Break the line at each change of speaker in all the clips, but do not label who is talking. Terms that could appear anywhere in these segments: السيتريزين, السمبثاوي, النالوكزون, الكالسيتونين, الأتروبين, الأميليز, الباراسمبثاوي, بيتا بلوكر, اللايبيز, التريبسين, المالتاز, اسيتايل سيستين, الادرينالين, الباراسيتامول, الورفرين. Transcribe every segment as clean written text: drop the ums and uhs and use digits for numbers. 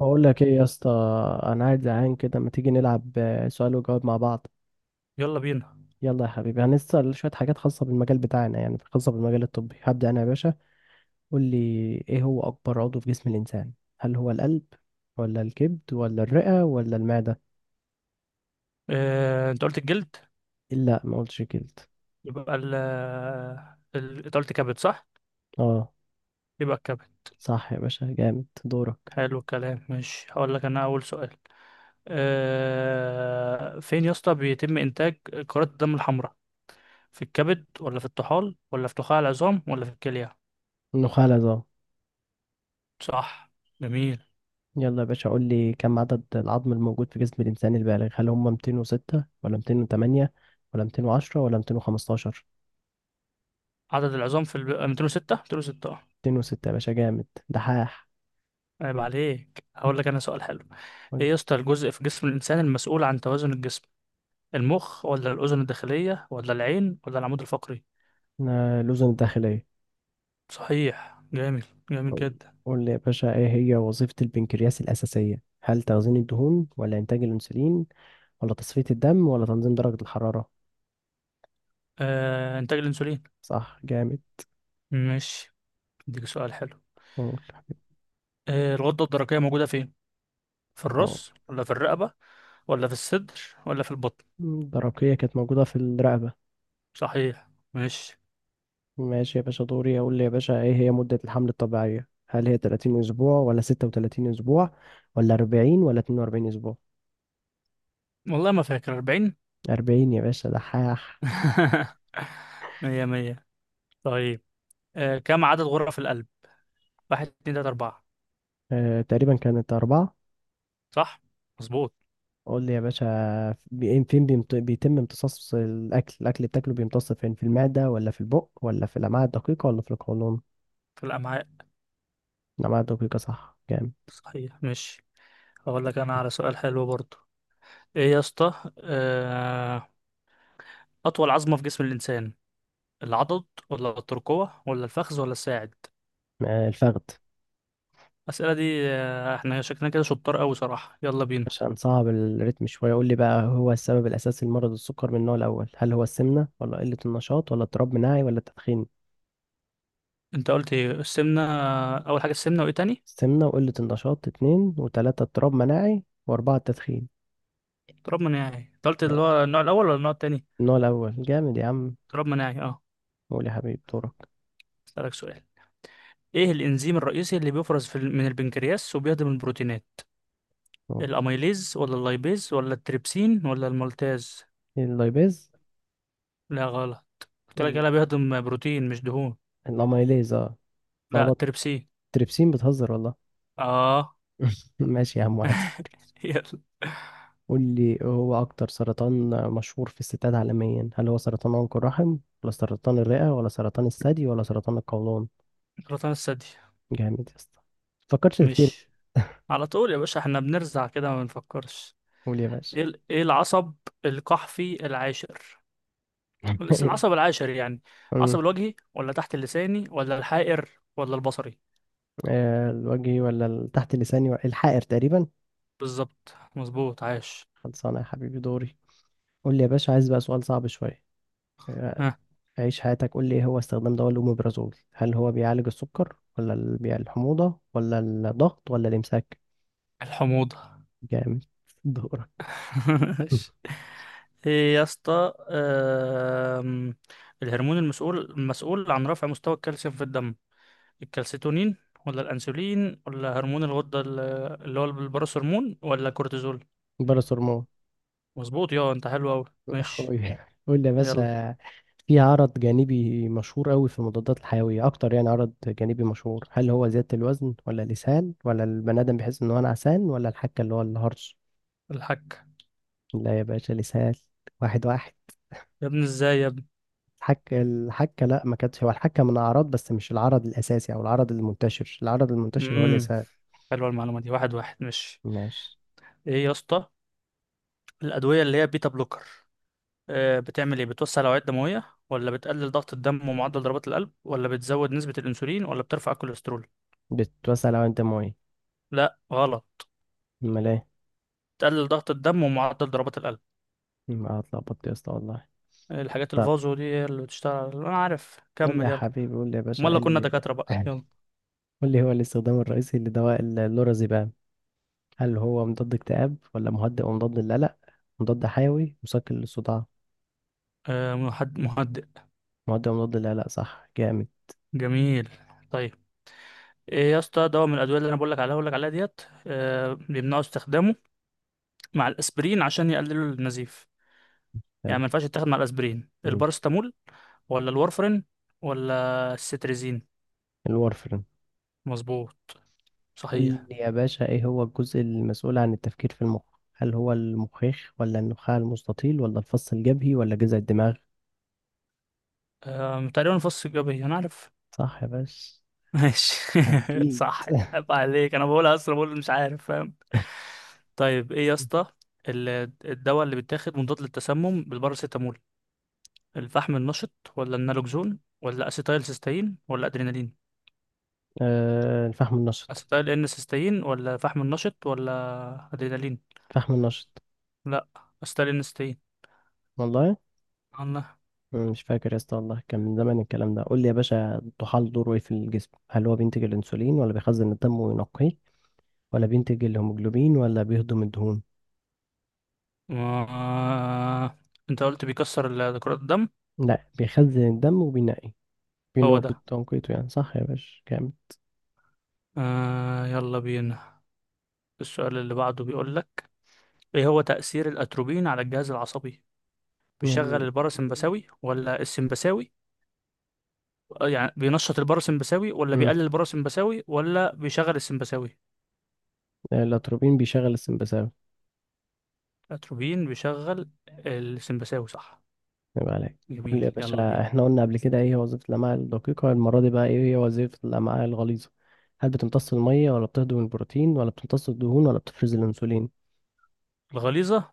بقول لك ايه يا اسطى. انا قاعد زهقان كده، ما تيجي نلعب سؤال وجواب مع بعض؟
يلا بينا.
يلا يا حبيبي، هنسأل شوية حاجات خاصة بالمجال بتاعنا، يعني خاصة بالمجال الطبي. هبدأ انا يا باشا. قول لي، ايه هو اكبر عضو في جسم الانسان؟ هل هو القلب ولا الكبد ولا الرئة ولا المعدة؟
انت قلت الجلد.
لا، ما قلتش الكبد.
يبقى انت قلت كبد صح؟
اه.
يبقى الكبد.
صح يا باشا، جامد. دورك.
حلو الكلام، ماشي. هقول لك انا اول سؤال. فين يا اسطى بيتم انتاج كرات الدم الحمراء؟ في الكبد ولا في الطحال ولا في نخاع العظام ولا في الكلية؟
النخاع ده.
صح، جميل.
يلا يا باشا، قول لي، كم عدد العظم الموجود في جسم الانسان البالغ؟ هل هم 206 ولا 208 ولا 210 ولا 215؟
عدد العظام في 206، 206 اه.
اتنين وستة يا باشا، جامد دحاح.
عيب عليك. هقول لك انا سؤال حلو.
قول
ايه يا
لي.
اسطى الجزء في جسم الانسان المسؤول عن توازن الجسم؟ المخ ولا الاذن الداخلية ولا العين ولا العمود الفقري؟
أنا الأذن الداخلية.
صحيح، جامد. جامد
قول.
جدا.
قول لي يا باشا، إيه هي وظيفة البنكرياس الأساسية؟ هل تخزين الدهون ولا إنتاج الأنسولين ولا تصفية الدم ولا تنظيم درجة الحرارة؟
آه، انتاج الانسولين.
صح جامد.
ماشي، اديك سؤال حلو.
قول.
آه الغدة الدرقية موجودة فين؟ في
أه.
الراس ولا في الرقبة ولا في الصدر ولا في البطن؟
الدرقية كانت موجودة في الرقبة.
صحيح ماشي.
ماشي يا باشا، دوري. أقول لي يا باشا، إيه هي مدة الحمل الطبيعية؟ هل هي 30 أسبوع ولا 36 أسبوع ولا 40 ولا 42 أسبوع؟
والله ما فاكر، 40.
40 يا باشا دحاح.
مية مية. طيب، آه كم عدد غرف القلب؟ واحد، اتنين، تلاتة، أربعة.
أه، تقريبا كانت أربعة.
صح مظبوط.
قول لي يا باشا، فين بيتم امتصاص الاكل اللي بتاكله، بيمتص فين؟ في المعده ولا في البق ولا في الامعاء الدقيقه ولا في القولون؟
في الأمعاء.
الامعاء الدقيقه، صح جامد.
صحيح ماشي. هقول لك أنا على سؤال حلو برضو. إيه يا اسطى، أطول عظمة في جسم الإنسان؟ العضد ولا الترقوة ولا الفخذ ولا الساعد؟
آه، الفخذ.
الأسئلة دي، احنا شكلنا كده شطار قوي صراحة. يلا بينا.
عشان صعب الريتم شويه. قول لي بقى، هو السبب الاساسي لمرض السكر من النوع الاول، هل هو السمنه ولا قله النشاط ولا اضطراب مناعي ولا تدخين؟
انت قلت ايه، السمنة؟ أول حاجة السمنة، وايه تاني؟
السمنه وقله النشاط اتنين، وتلاته اضطراب مناعي، واربعه التدخين.
اضطراب مناعي. انت قلت
يعني
اللي هو النوع الأول ولا النوع التاني؟
النوع الاول، جامد يا عم.
اضطراب مناعي اه.
قول يا حبيبي، دورك.
أسألك سؤال. ايه الإنزيم الرئيسي اللي بيفرز في من البنكرياس وبيهضم البروتينات؟ الأميليز ولا اللايبيز ولا التريبسين ولا المالتاز؟
اللايبيز.
لا، غلط. قلت لك يلا بيهضم بروتين مش دهون.
الاميليز اه.
لا،
اتلخبطت.
التريبسين.
تريبسين، بتهزر والله.
اه.
ماشي يا عم، 1-0.
يلا.
قول لي، هو أكتر سرطان مشهور في الستات عالميا، هل هو سرطان عنق الرحم ولا سرطان الرئة ولا سرطان الثدي ولا سرطان القولون؟
سرطان الثدي.
جامد يا اسطى. فكرتش كتير.
ماشي. على طول يا باشا احنا بنرزع كده ما بنفكرش.
قول يا باشا.
ايه العصب القحفي العاشر؟ بس العصب العاشر يعني.
أمم،
عصب الوجهي ولا تحت اللساني ولا الحائر ولا البصري؟
آه، الوجهي ولا تحت اللساني الحائر تقريبا.
بالظبط، مظبوط، عاش.
خلصانة يا حبيبي، دوري. قول لي يا باشا، عايز بقى سؤال صعب شوية. آه،
ها.
عيش حياتك. قول لي، ايه هو استخدام دواء الأوميبرازول؟ هل هو بيعالج السكر ولا الحموضة ولا الضغط ولا الإمساك؟
الحموضة.
جامد. دورك.
عاش. ايه يا اسطى، الهرمون المسؤول عن رفع مستوى الكالسيوم في الدم؟ الكالسيتونين ولا الانسولين ولا هرمون الغدة اللي هو البروس هرمون ولا كورتيزول؟
باراسور مو.
مظبوط يا انت، حلو اوي ماشي.
اخوي. قول لي بس.
يلا.
في عرض جانبي مشهور قوي في المضادات الحيوية اكتر، يعني عرض جانبي مشهور، هل هو زيادة الوزن ولا الإسهال ولا البني آدم بيحس ان هو انا عسان ولا الحكة اللي هو الهرش؟
الحك.
لا يا باشا، الإسهال. 1-1.
يا ابني ازاي يا ابني.
الحكة الحكة لا، ما كانتش. هو الحكة من أعراض بس مش العرض الأساسي أو العرض المنتشر، العرض المنتشر هو
امم
الإسهال.
حلوه المعلومه دي، واحد واحد ماشي.
ماشي.
ايه يا اسطى الادويه اللي هي بيتا بلوكر آه بتعمل ايه؟ بتوسع الاوعيه الدمويه ولا بتقلل ضغط الدم ومعدل ضربات القلب ولا بتزود نسبه الانسولين ولا بترفع الكوليسترول؟
بتتوسع لو أنت ميه.
لا، غلط.
أمال إيه؟
بتقلل ضغط الدم ومعدل ضربات القلب.
ما اتلخبطت يا اسطى والله.
الحاجات
طب
الفازو دي هي اللي بتشتغل انا عارف، كمل يلا.
قول لي يا
امال
باشا، ايه
لو كنا
اللي...
دكاتره بقى، يلا.
قول لي، هو الاستخدام الرئيسي لدواء اللورازيبام، هل هو مضاد اكتئاب ولا مهدئ ومضاد للقلق، مضاد حيوي، مسكن للصداع؟
مهدئ.
مهدئ ومضاد للقلق، صح جامد.
جميل، طيب. ايه يا اسطى دواء من الادويه اللي انا بقول لك عليها ديت بيمنعوا استخدامه مع الاسبرين عشان يقللوا النزيف؟ يعني
حلو.
ما ينفعش يتاخد مع الاسبرين.
مم.
البارستامول ولا الورفرين ولا السيتريزين؟
الورفرين.
مظبوط،
قول
صحيح.
لي يا باشا، ايه هو الجزء المسؤول عن التفكير في المخ؟ هل هو المخيخ ولا النخاع المستطيل ولا الفص الجبهي ولا جذع الدماغ؟
تقريبا الفص الجبهي انا عارف.
صح يا باشا.
ماشي.
حبيت.
صح. عيب عليك، انا بقولها اصلا، بقول مش عارف فاهم. طيب ايه يا اسطى، ال- الدواء اللي بيتاخد مضاد للتسمم بالباراسيتامول؟ الفحم النشط ولا النالوكزون ولا اسيتايل سيستين ولا ادرينالين؟
آه، الفحم النشط.
اسيتايل ان سيستين ولا فحم النشط ولا ادرينالين؟
فحم النشط.
لا، اسيتايل ان سيستين.
والله.
الله.
مش فاكر يا اسطى والله، كان من زمان الكلام ده. قول لي يا باشا، الطحال دوره ايه في الجسم؟ هل هو بينتج الانسولين ولا بيخزن الدم وينقيه ولا بينتج الهيموجلوبين ولا بيهضم الدهون؟
ما... انت قلت كرات الدم.
لا، بيخزن الدم وبينقي.
هو
بينقي
ده.
بتنقيته يعني، صح يا باشا كامل.
آه يلا بينا. السؤال اللي بعده بيقول لك، ايه هو تأثير الأتروبين على الجهاز العصبي؟
ال...
بيشغل الباراسمبثاوي ولا السمبثاوي؟ يعني بينشط الباراسمبثاوي ولا
مم.
بيقلل الباراسمبثاوي ولا بيشغل السمبثاوي؟
الاتروبين بيشغل السمبثاوي.
الأتروبين بيشغل السمبثاوي، صح.
يبقى عليك. قول
جميل
لي يا
يلا
باشا،
بينا.
احنا قلنا قبل كده ايه هي وظيفة الامعاء الدقيقة، المرة دي بقى ايه هي وظيفة الامعاء الغليظة؟ هل بتمتص المية ولا بتهضم البروتين ولا بتمتص الدهون ولا بتفرز الانسولين؟
الغليظة.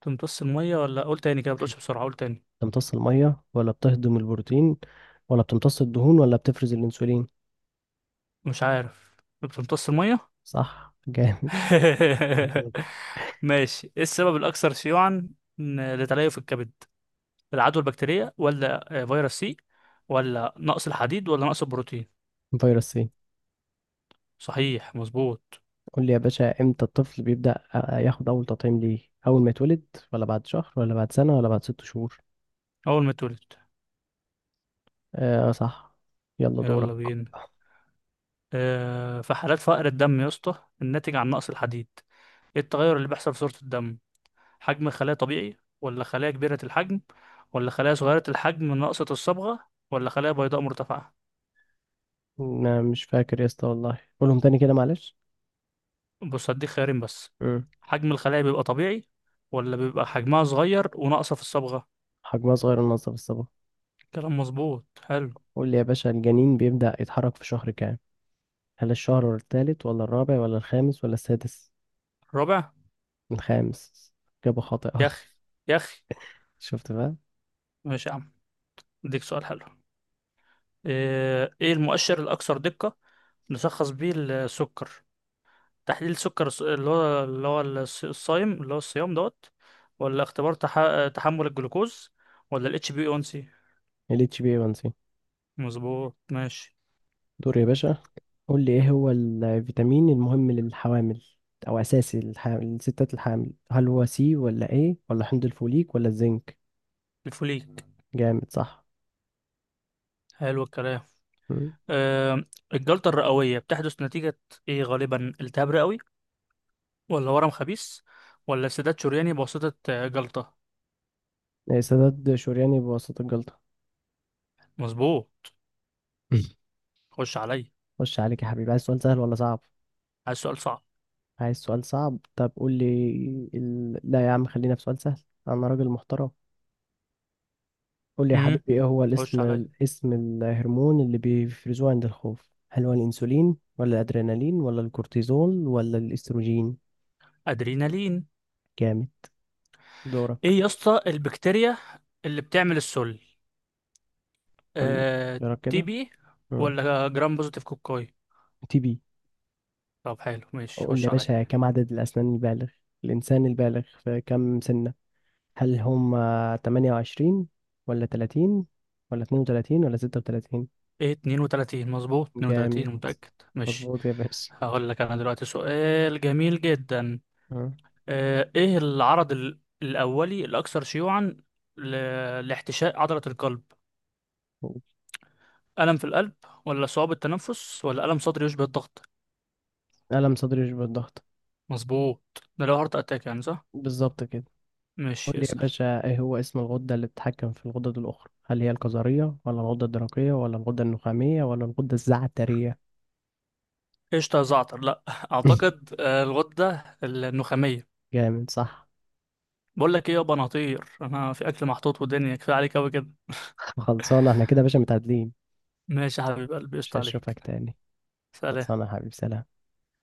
بتمتص المية ولا قول تاني كده، بتقولش بسرعة، قول تاني.
بتمتص المية ولا بتهضم البروتين ولا بتمتص الدهون ولا بتفرز الأنسولين.
مش عارف. بتمتص المية.
صح جامد. بالظبط.
ماشي. ايه السبب الاكثر شيوعا لتليف الكبد؟ العدوى البكتيرية ولا فيروس سي ولا نقص الحديد ولا نقص البروتين؟
فيروس سي.
صحيح، مظبوط.
قول لي يا باشا، امتى الطفل بيبدأ ياخد أول تطعيم ليه؟ أول ما يتولد ولا بعد شهر ولا بعد سنة ولا بعد ست شهور؟
اول ما اتولد.
آه صح. يلا دورك.
يلا بينا. في حالات فقر الدم يا اسطى الناتج عن نقص الحديد ايه التغير اللي بيحصل في صورة الدم؟ حجم الخلايا طبيعي ولا خلايا كبيرة الحجم ولا خلايا صغيرة الحجم ناقصة الصبغة ولا خلايا بيضاء مرتفعة؟
أنا مش فاكر يا اسطى والله، قولهم تاني كده معلش.
بص هديك خيارين بس.
مم.
حجم الخلايا بيبقى طبيعي ولا بيبقى حجمها صغير وناقصة في الصبغة؟
حجمها صغير ونظف الصباح.
كلام مظبوط، حلو.
قول لي يا باشا، الجنين بيبدأ يتحرك في شهر كام؟ هل الشهر التالت ولا الرابع ولا الخامس ولا السادس؟
الرابع.
الخامس. إجابة
يا
خاطئة.
أخي، يا أخي.
شفت بقى.
ماشي يا عم. اديك سؤال حلو. إيه المؤشر الأكثر دقة نشخص بيه السكر؟ تحليل السكر الصايم اللي هو الصيام دوت ولا تحمل الجلوكوز ولا الاتش بي 1 سي؟
ال اتش بي 1 سي.
مظبوط ماشي.
دور يا باشا. قول لي، ايه هو الفيتامين المهم للحوامل، او اساسي للحامل، للستات الحامل؟ هل هو سي ولا ايه ولا حمض الفوليك ولا الزنك؟
الفوليك.
جامد صح.
حلو الكلام.
مم.
آه، الجلطة الرئوية بتحدث نتيجة إيه غالبا؟ التهاب رئوي ولا ورم خبيث ولا سداد شرياني بواسطة جلطة؟
إيه، سداد شورياني بواسطة الجلطة.
مظبوط. خش عليا.
خش عليك يا حبيبي، عايز سؤال سهل ولا صعب؟
عايز سؤال صعب.
عايز سؤال صعب، طب قول لي لا يا عم، خلينا في سؤال سهل. انا راجل محترم. قول لي يا
امم
حبيبي، ايه هو
خش عليا.
اسم الهرمون اللي بيفرزوه عند الخوف؟ هل هو الانسولين ولا الادرينالين ولا الكورتيزول ولا الاستروجين؟
أدرينالين.
جامد. دورك.
إيه يا اسطى البكتيريا اللي بتعمل السل؟
قول.
آه،
دورك
تي
كده.
بي
اه،
ولا جرام بوزيتيف كوكاي؟
تي بي.
طب حلو ماشي،
قول لي يا
خش عليا.
باشا، كم عدد الاسنان الانسان البالغ في كم سنة؟ هل هم 28 ولا 30 ولا 32 ولا 36؟
إيه، 32 مظبوط،
جامد.
32 متأكد. ماشي.
مظبوط يا باشا.
هقول لك أنا دلوقتي سؤال جميل جدا.
آه.
ايه العرض الاولي الاكثر شيوعا لاحتشاء عضلة القلب؟ الم في القلب ولا صعوبة التنفس ولا الم صدري يشبه الضغط؟
ألم صدري يشبه الضغط.
مظبوط، ده لو هارت اتاك يعني صح.
بالظبط كده. قول
مش
لي يا
يسأل.
باشا، ايه هو اسم الغدة اللي بتتحكم في الغدد الأخرى؟ هل هي الكظرية ولا الغدة الدرقية ولا الغدة النخامية ولا الغدة الزعترية؟
قشطة يا زعتر، لا. اعتقد الغدة النخامية.
جامد صح.
بقول لك ايه يابا، انا هطير، انا في اكل محطوط ودنيا، كفايه عليك قوي كده.
خلصانة احنا كده يا باشا، متعادلين.
ماشي يا حبيب قلبي،
مش
قشطة
هشوفك
عليك.
تاني.
سلام.
خلصانة يا حبيبي، سلام.